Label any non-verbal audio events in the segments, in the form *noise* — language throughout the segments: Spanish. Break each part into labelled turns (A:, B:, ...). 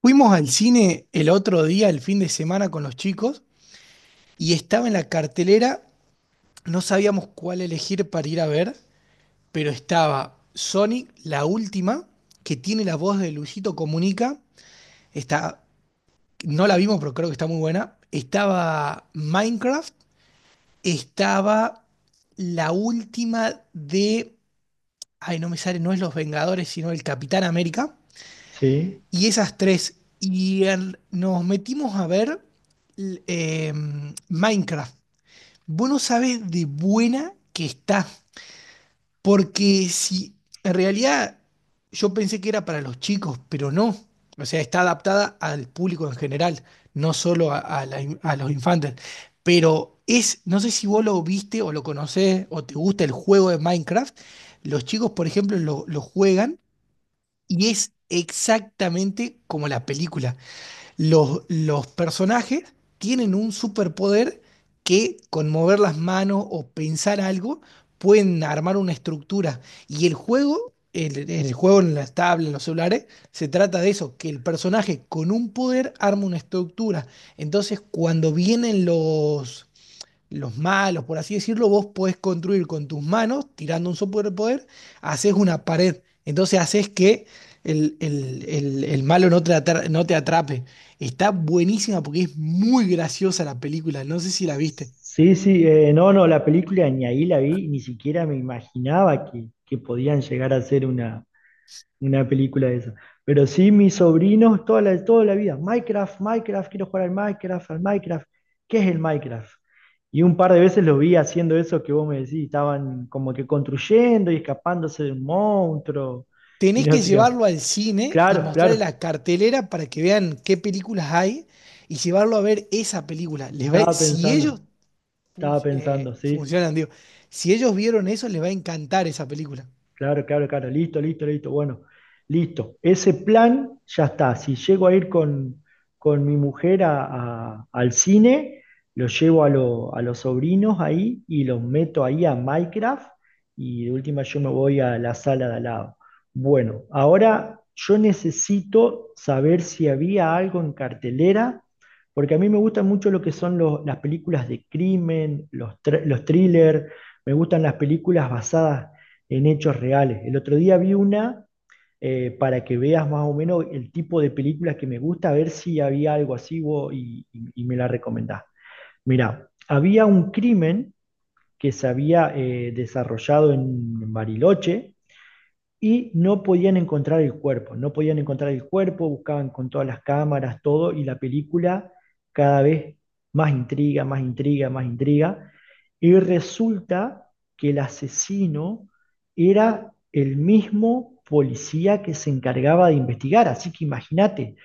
A: Fuimos al cine el otro día, el fin de semana, con los chicos y estaba en la cartelera, no sabíamos cuál elegir para ir a ver, pero estaba Sonic, la última, que tiene la voz de Luisito Comunica. Está, no la vimos, pero creo que está muy buena. Estaba Minecraft, estaba la última de, ay, no me sale, no es Los Vengadores, sino el Capitán América.
B: Sí,
A: Y esas tres. Nos metimos a ver l- eh, Minecraft. Vos no sabés de buena que está. Porque si en realidad yo pensé que era para los chicos, pero no. O sea, está adaptada al público en general, no solo a los infantes. Pero es, no sé si vos lo viste o lo conocés o te gusta el juego de Minecraft. Los chicos, por ejemplo, lo juegan y es exactamente como la película. Los personajes tienen un superpoder que con mover las manos o pensar algo pueden armar una estructura. Y el juego, el juego en las tablas, en los celulares, se trata de eso, que el personaje con un poder arma una estructura. Entonces, cuando vienen los malos, por así decirlo, vos podés construir con tus manos, tirando un superpoder, haces una pared. Entonces haces que el malo no te atrape. Está buenísima porque es muy graciosa la película, no sé si la viste.
B: sí, sí, la película ni ahí la vi, ni siquiera me imaginaba que podían llegar a ser una película de esa. Pero sí, mis sobrinos toda la vida, Minecraft, Minecraft, quiero jugar al Minecraft, ¿qué es el Minecraft? Y un par de veces los vi haciendo eso que vos me decís, estaban como que construyendo y escapándose de un monstruo y
A: Tenés
B: no
A: que
B: sé qué más.
A: llevarlo al cine y
B: Claro,
A: mostrarle
B: claro,
A: la cartelera para que vean qué películas hay y llevarlo a ver esa película.
B: estaba
A: Si
B: pensando,
A: ellos
B: estaba pensando, sí.
A: funcionan, digo, si ellos vieron eso, les va a encantar esa película.
B: Claro, claro, claro. Listo, listo, listo. Bueno, listo. Ese plan ya está. Si llego a ir con mi mujer al cine, lo llevo a, lo- a los sobrinos ahí y los meto ahí a Minecraft y de última yo me voy a la sala de al lado. Bueno, ahora yo necesito saber si había algo en cartelera, porque a mí me gustan mucho lo que son las películas de crimen, los thrillers, me gustan las películas basadas en hechos reales. El otro día vi una para que veas más o menos el tipo de películas que me gusta, a ver si había algo así vos, y me la recomendás. Mirá, había un crimen que se había desarrollado en Bariloche y no podían encontrar el cuerpo, no podían encontrar el cuerpo, buscaban con todas las cámaras, todo, y la película cada vez más intriga, más intriga, más intriga, y resulta que el asesino era el mismo policía que se encargaba de investigar, así que imagínate,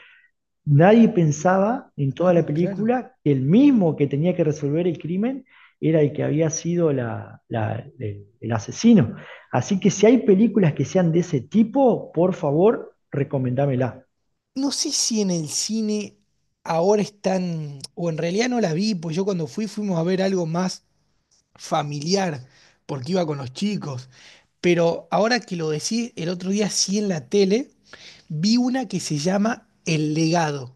B: nadie pensaba en toda la
A: Ah, claro.
B: película que el mismo que tenía que resolver el crimen era el que había sido el asesino. Así que si hay películas que sean de ese tipo, por favor, recomendámela.
A: No sé si en el cine ahora están, o en realidad no la vi, pues yo cuando fui fuimos a ver algo más familiar, porque iba con los chicos. Pero ahora que lo decís, el otro día sí en la tele vi una que se llama El Legado.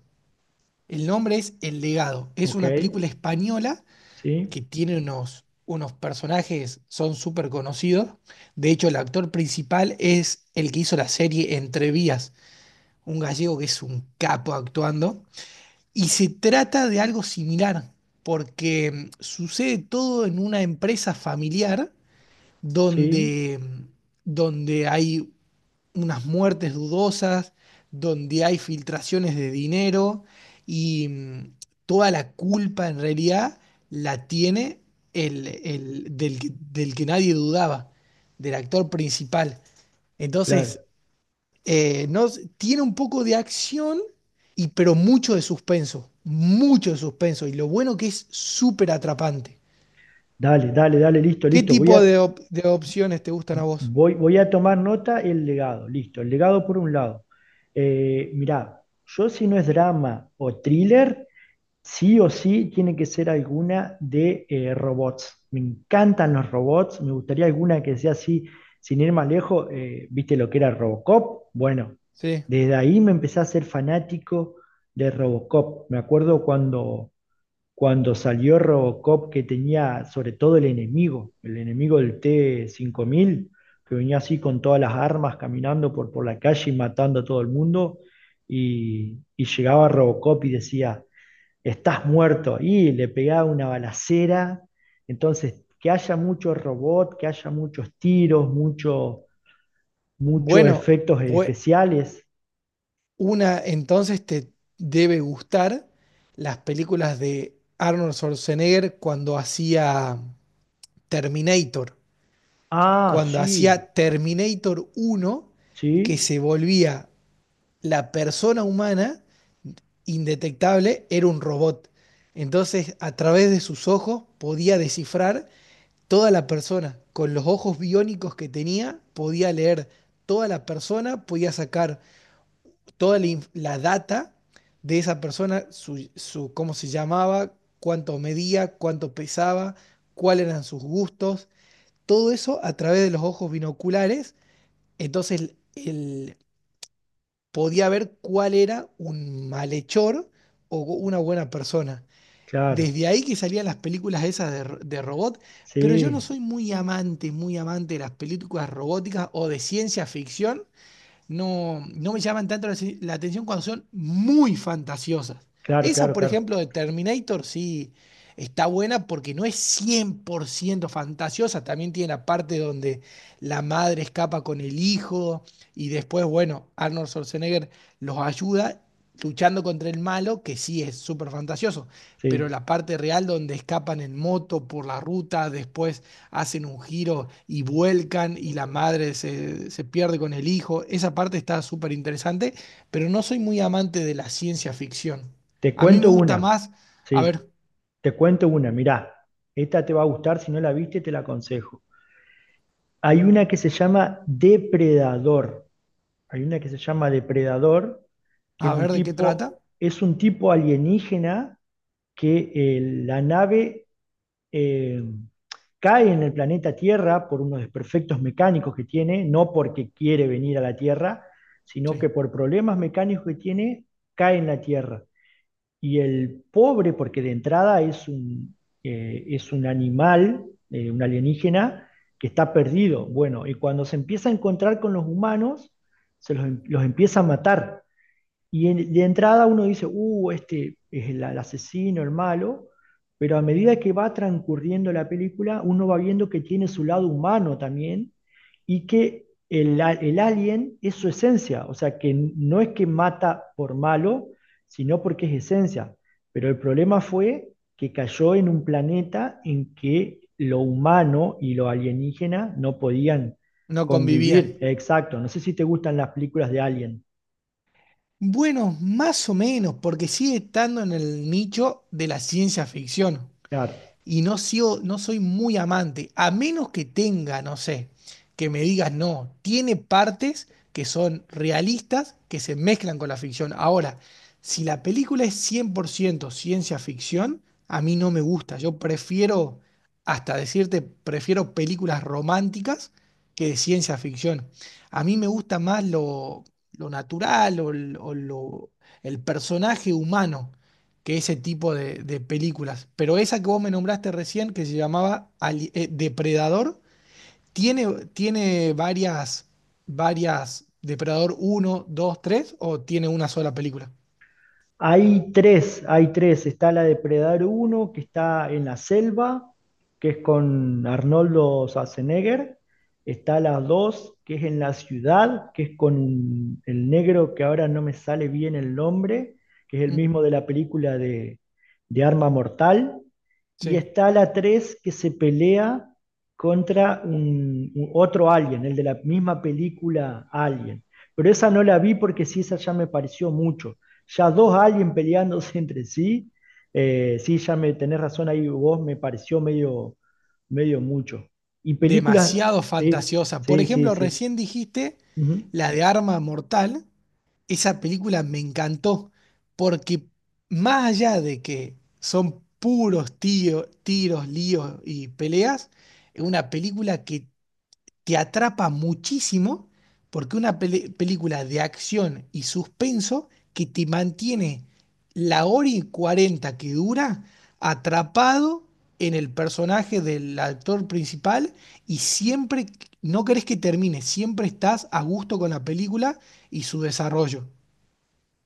A: El nombre es El Legado. Es
B: ¿Ok?
A: una película española
B: ¿Sí?
A: que tiene unos, unos personajes, son súper conocidos. De hecho, el actor principal es el que hizo la serie Entre Vías, un gallego que es un capo actuando. Y se trata de algo similar, porque sucede todo en una empresa familiar
B: ¿Sí?
A: donde, mm, donde hay unas muertes dudosas, donde hay filtraciones de dinero y toda la culpa en realidad la tiene del que nadie dudaba, del actor principal. Entonces,
B: Claro.
A: no, tiene un poco de acción, y, pero mucho de suspenso, mucho de suspenso. Y lo bueno que es súper atrapante.
B: Dale, dale, dale, listo,
A: ¿Qué
B: listo.
A: tipo de opciones te gustan a vos?
B: Voy, voy a tomar nota el legado. Listo, el legado por un lado. Mirá, yo si no es drama o thriller, sí o sí tiene que ser alguna de robots. Me encantan los robots, me gustaría alguna que sea así, sin ir más lejos, ¿viste lo que era Robocop? Bueno,
A: Sí.
B: desde ahí me empecé a ser fanático de Robocop. Me acuerdo cuando salió Robocop que tenía sobre todo el enemigo del T-5000 que venía así con todas las armas caminando por la calle y matando a todo el mundo, y llegaba Robocop y decía estás muerto. Y le pegaba una balacera. Entonces, que haya mucho robot, que haya muchos tiros, mucho, muchos
A: Bueno,
B: efectos
A: pues
B: especiales.
A: una entonces te debe gustar las películas de Arnold Schwarzenegger cuando hacía Terminator.
B: Ah,
A: Cuando
B: sí,
A: hacía Terminator uno que
B: sí,
A: se volvía la persona humana indetectable, era un robot. Entonces, a través de sus ojos podía descifrar toda la persona. Con los ojos biónicos que tenía, podía leer toda la persona, podía sacar toda la data de esa persona, cómo se llamaba, cuánto medía, cuánto pesaba, cuáles eran sus gustos, todo eso a través de los ojos binoculares. Entonces, él podía ver cuál era un malhechor o una buena persona.
B: claro,
A: Desde ahí que salían las películas esas de robot, pero yo no
B: sí,
A: soy muy amante de las películas robóticas o de ciencia ficción, no, no me llaman tanto la, si, la atención cuando son muy fantasiosas.
B: claro,
A: Esa,
B: claro,
A: por
B: claro.
A: ejemplo, de Terminator, sí, está buena porque no es 100% fantasiosa. También tiene la parte donde la madre escapa con el hijo y después, bueno, Arnold Schwarzenegger los ayuda luchando contra el malo, que sí es súper fantasioso. Pero
B: Sí.
A: la parte real donde escapan en moto por la ruta, después hacen un giro y vuelcan y la madre se pierde con el hijo. Esa parte está súper interesante, pero no soy muy amante de la ciencia ficción.
B: Te
A: A mí me
B: cuento
A: gusta
B: una,
A: más, a
B: sí,
A: ver,
B: te cuento una, mirá, esta te va a gustar, si no la viste, te la aconsejo. Hay una que se llama Depredador. Hay una que se llama Depredador, que
A: a ver de qué trata.
B: es un tipo alienígena que la nave eh, cae en el planeta Tierra por unos desperfectos mecánicos que tiene, no porque quiere venir a la Tierra, sino
A: Sí,
B: que por problemas mecánicos que tiene, cae en la Tierra. Y el pobre, porque de entrada es es un animal, un alienígena, que está perdido. Bueno, y cuando se empieza a encontrar con los humanos, los empieza a matar. Y de entrada uno dice, este es el asesino, el malo, pero a medida que va transcurriendo la película, uno va viendo que tiene su lado humano también y que el alien es su esencia, o sea, que no es que mata por malo, sino porque es esencia. Pero el problema fue que cayó en un planeta en que lo humano y lo alienígena no podían
A: no
B: convivir.
A: convivían.
B: Exacto, no sé si te gustan las películas de Alien.
A: Bueno, más o menos, porque sigue estando en el nicho de la ciencia ficción.
B: Claro.
A: Y no, no soy muy amante, a menos que tenga, no sé, que me digas no, tiene partes que son realistas, que se mezclan con la ficción. Ahora, si la película es 100% ciencia ficción, a mí no me gusta. Yo prefiero, hasta decirte, prefiero películas románticas que de ciencia ficción. A mí me gusta más lo natural o, el personaje humano que ese tipo de películas. Pero esa que vos me nombraste recién, que se llamaba Depredador, tiene, tiene varias, varias, Depredador uno, 2, 3 o tiene una sola película.
B: Hay tres, hay tres. Está la de Predar uno que está en la selva, que es con Arnoldo Schwarzenegger. Está la 2 que es en la ciudad, que es con el negro que ahora no me sale bien el nombre, que es el
A: Mm,
B: mismo de la película de Arma Mortal. Y
A: sí.
B: está la 3 que se pelea contra otro alien, el de la misma película Alien. Pero esa no la vi porque sí, esa ya me pareció mucho ya dos aliens peleándose *laughs* entre sí. Sí, ya me tenés razón ahí vos, me pareció medio, medio mucho. Y películas,
A: Demasiado
B: sí,
A: fantasiosa. Por
B: sí, sí,
A: ejemplo,
B: sí.
A: recién dijiste
B: Ujú.
A: la de Arma Mortal. Esa película me encantó porque más allá de que son puros tiros, líos y peleas, es una película que te atrapa muchísimo porque una película de acción y suspenso que te mantiene la hora y cuarenta que dura atrapado en el personaje del actor principal y siempre no querés que termine, siempre estás a gusto con la película y su desarrollo.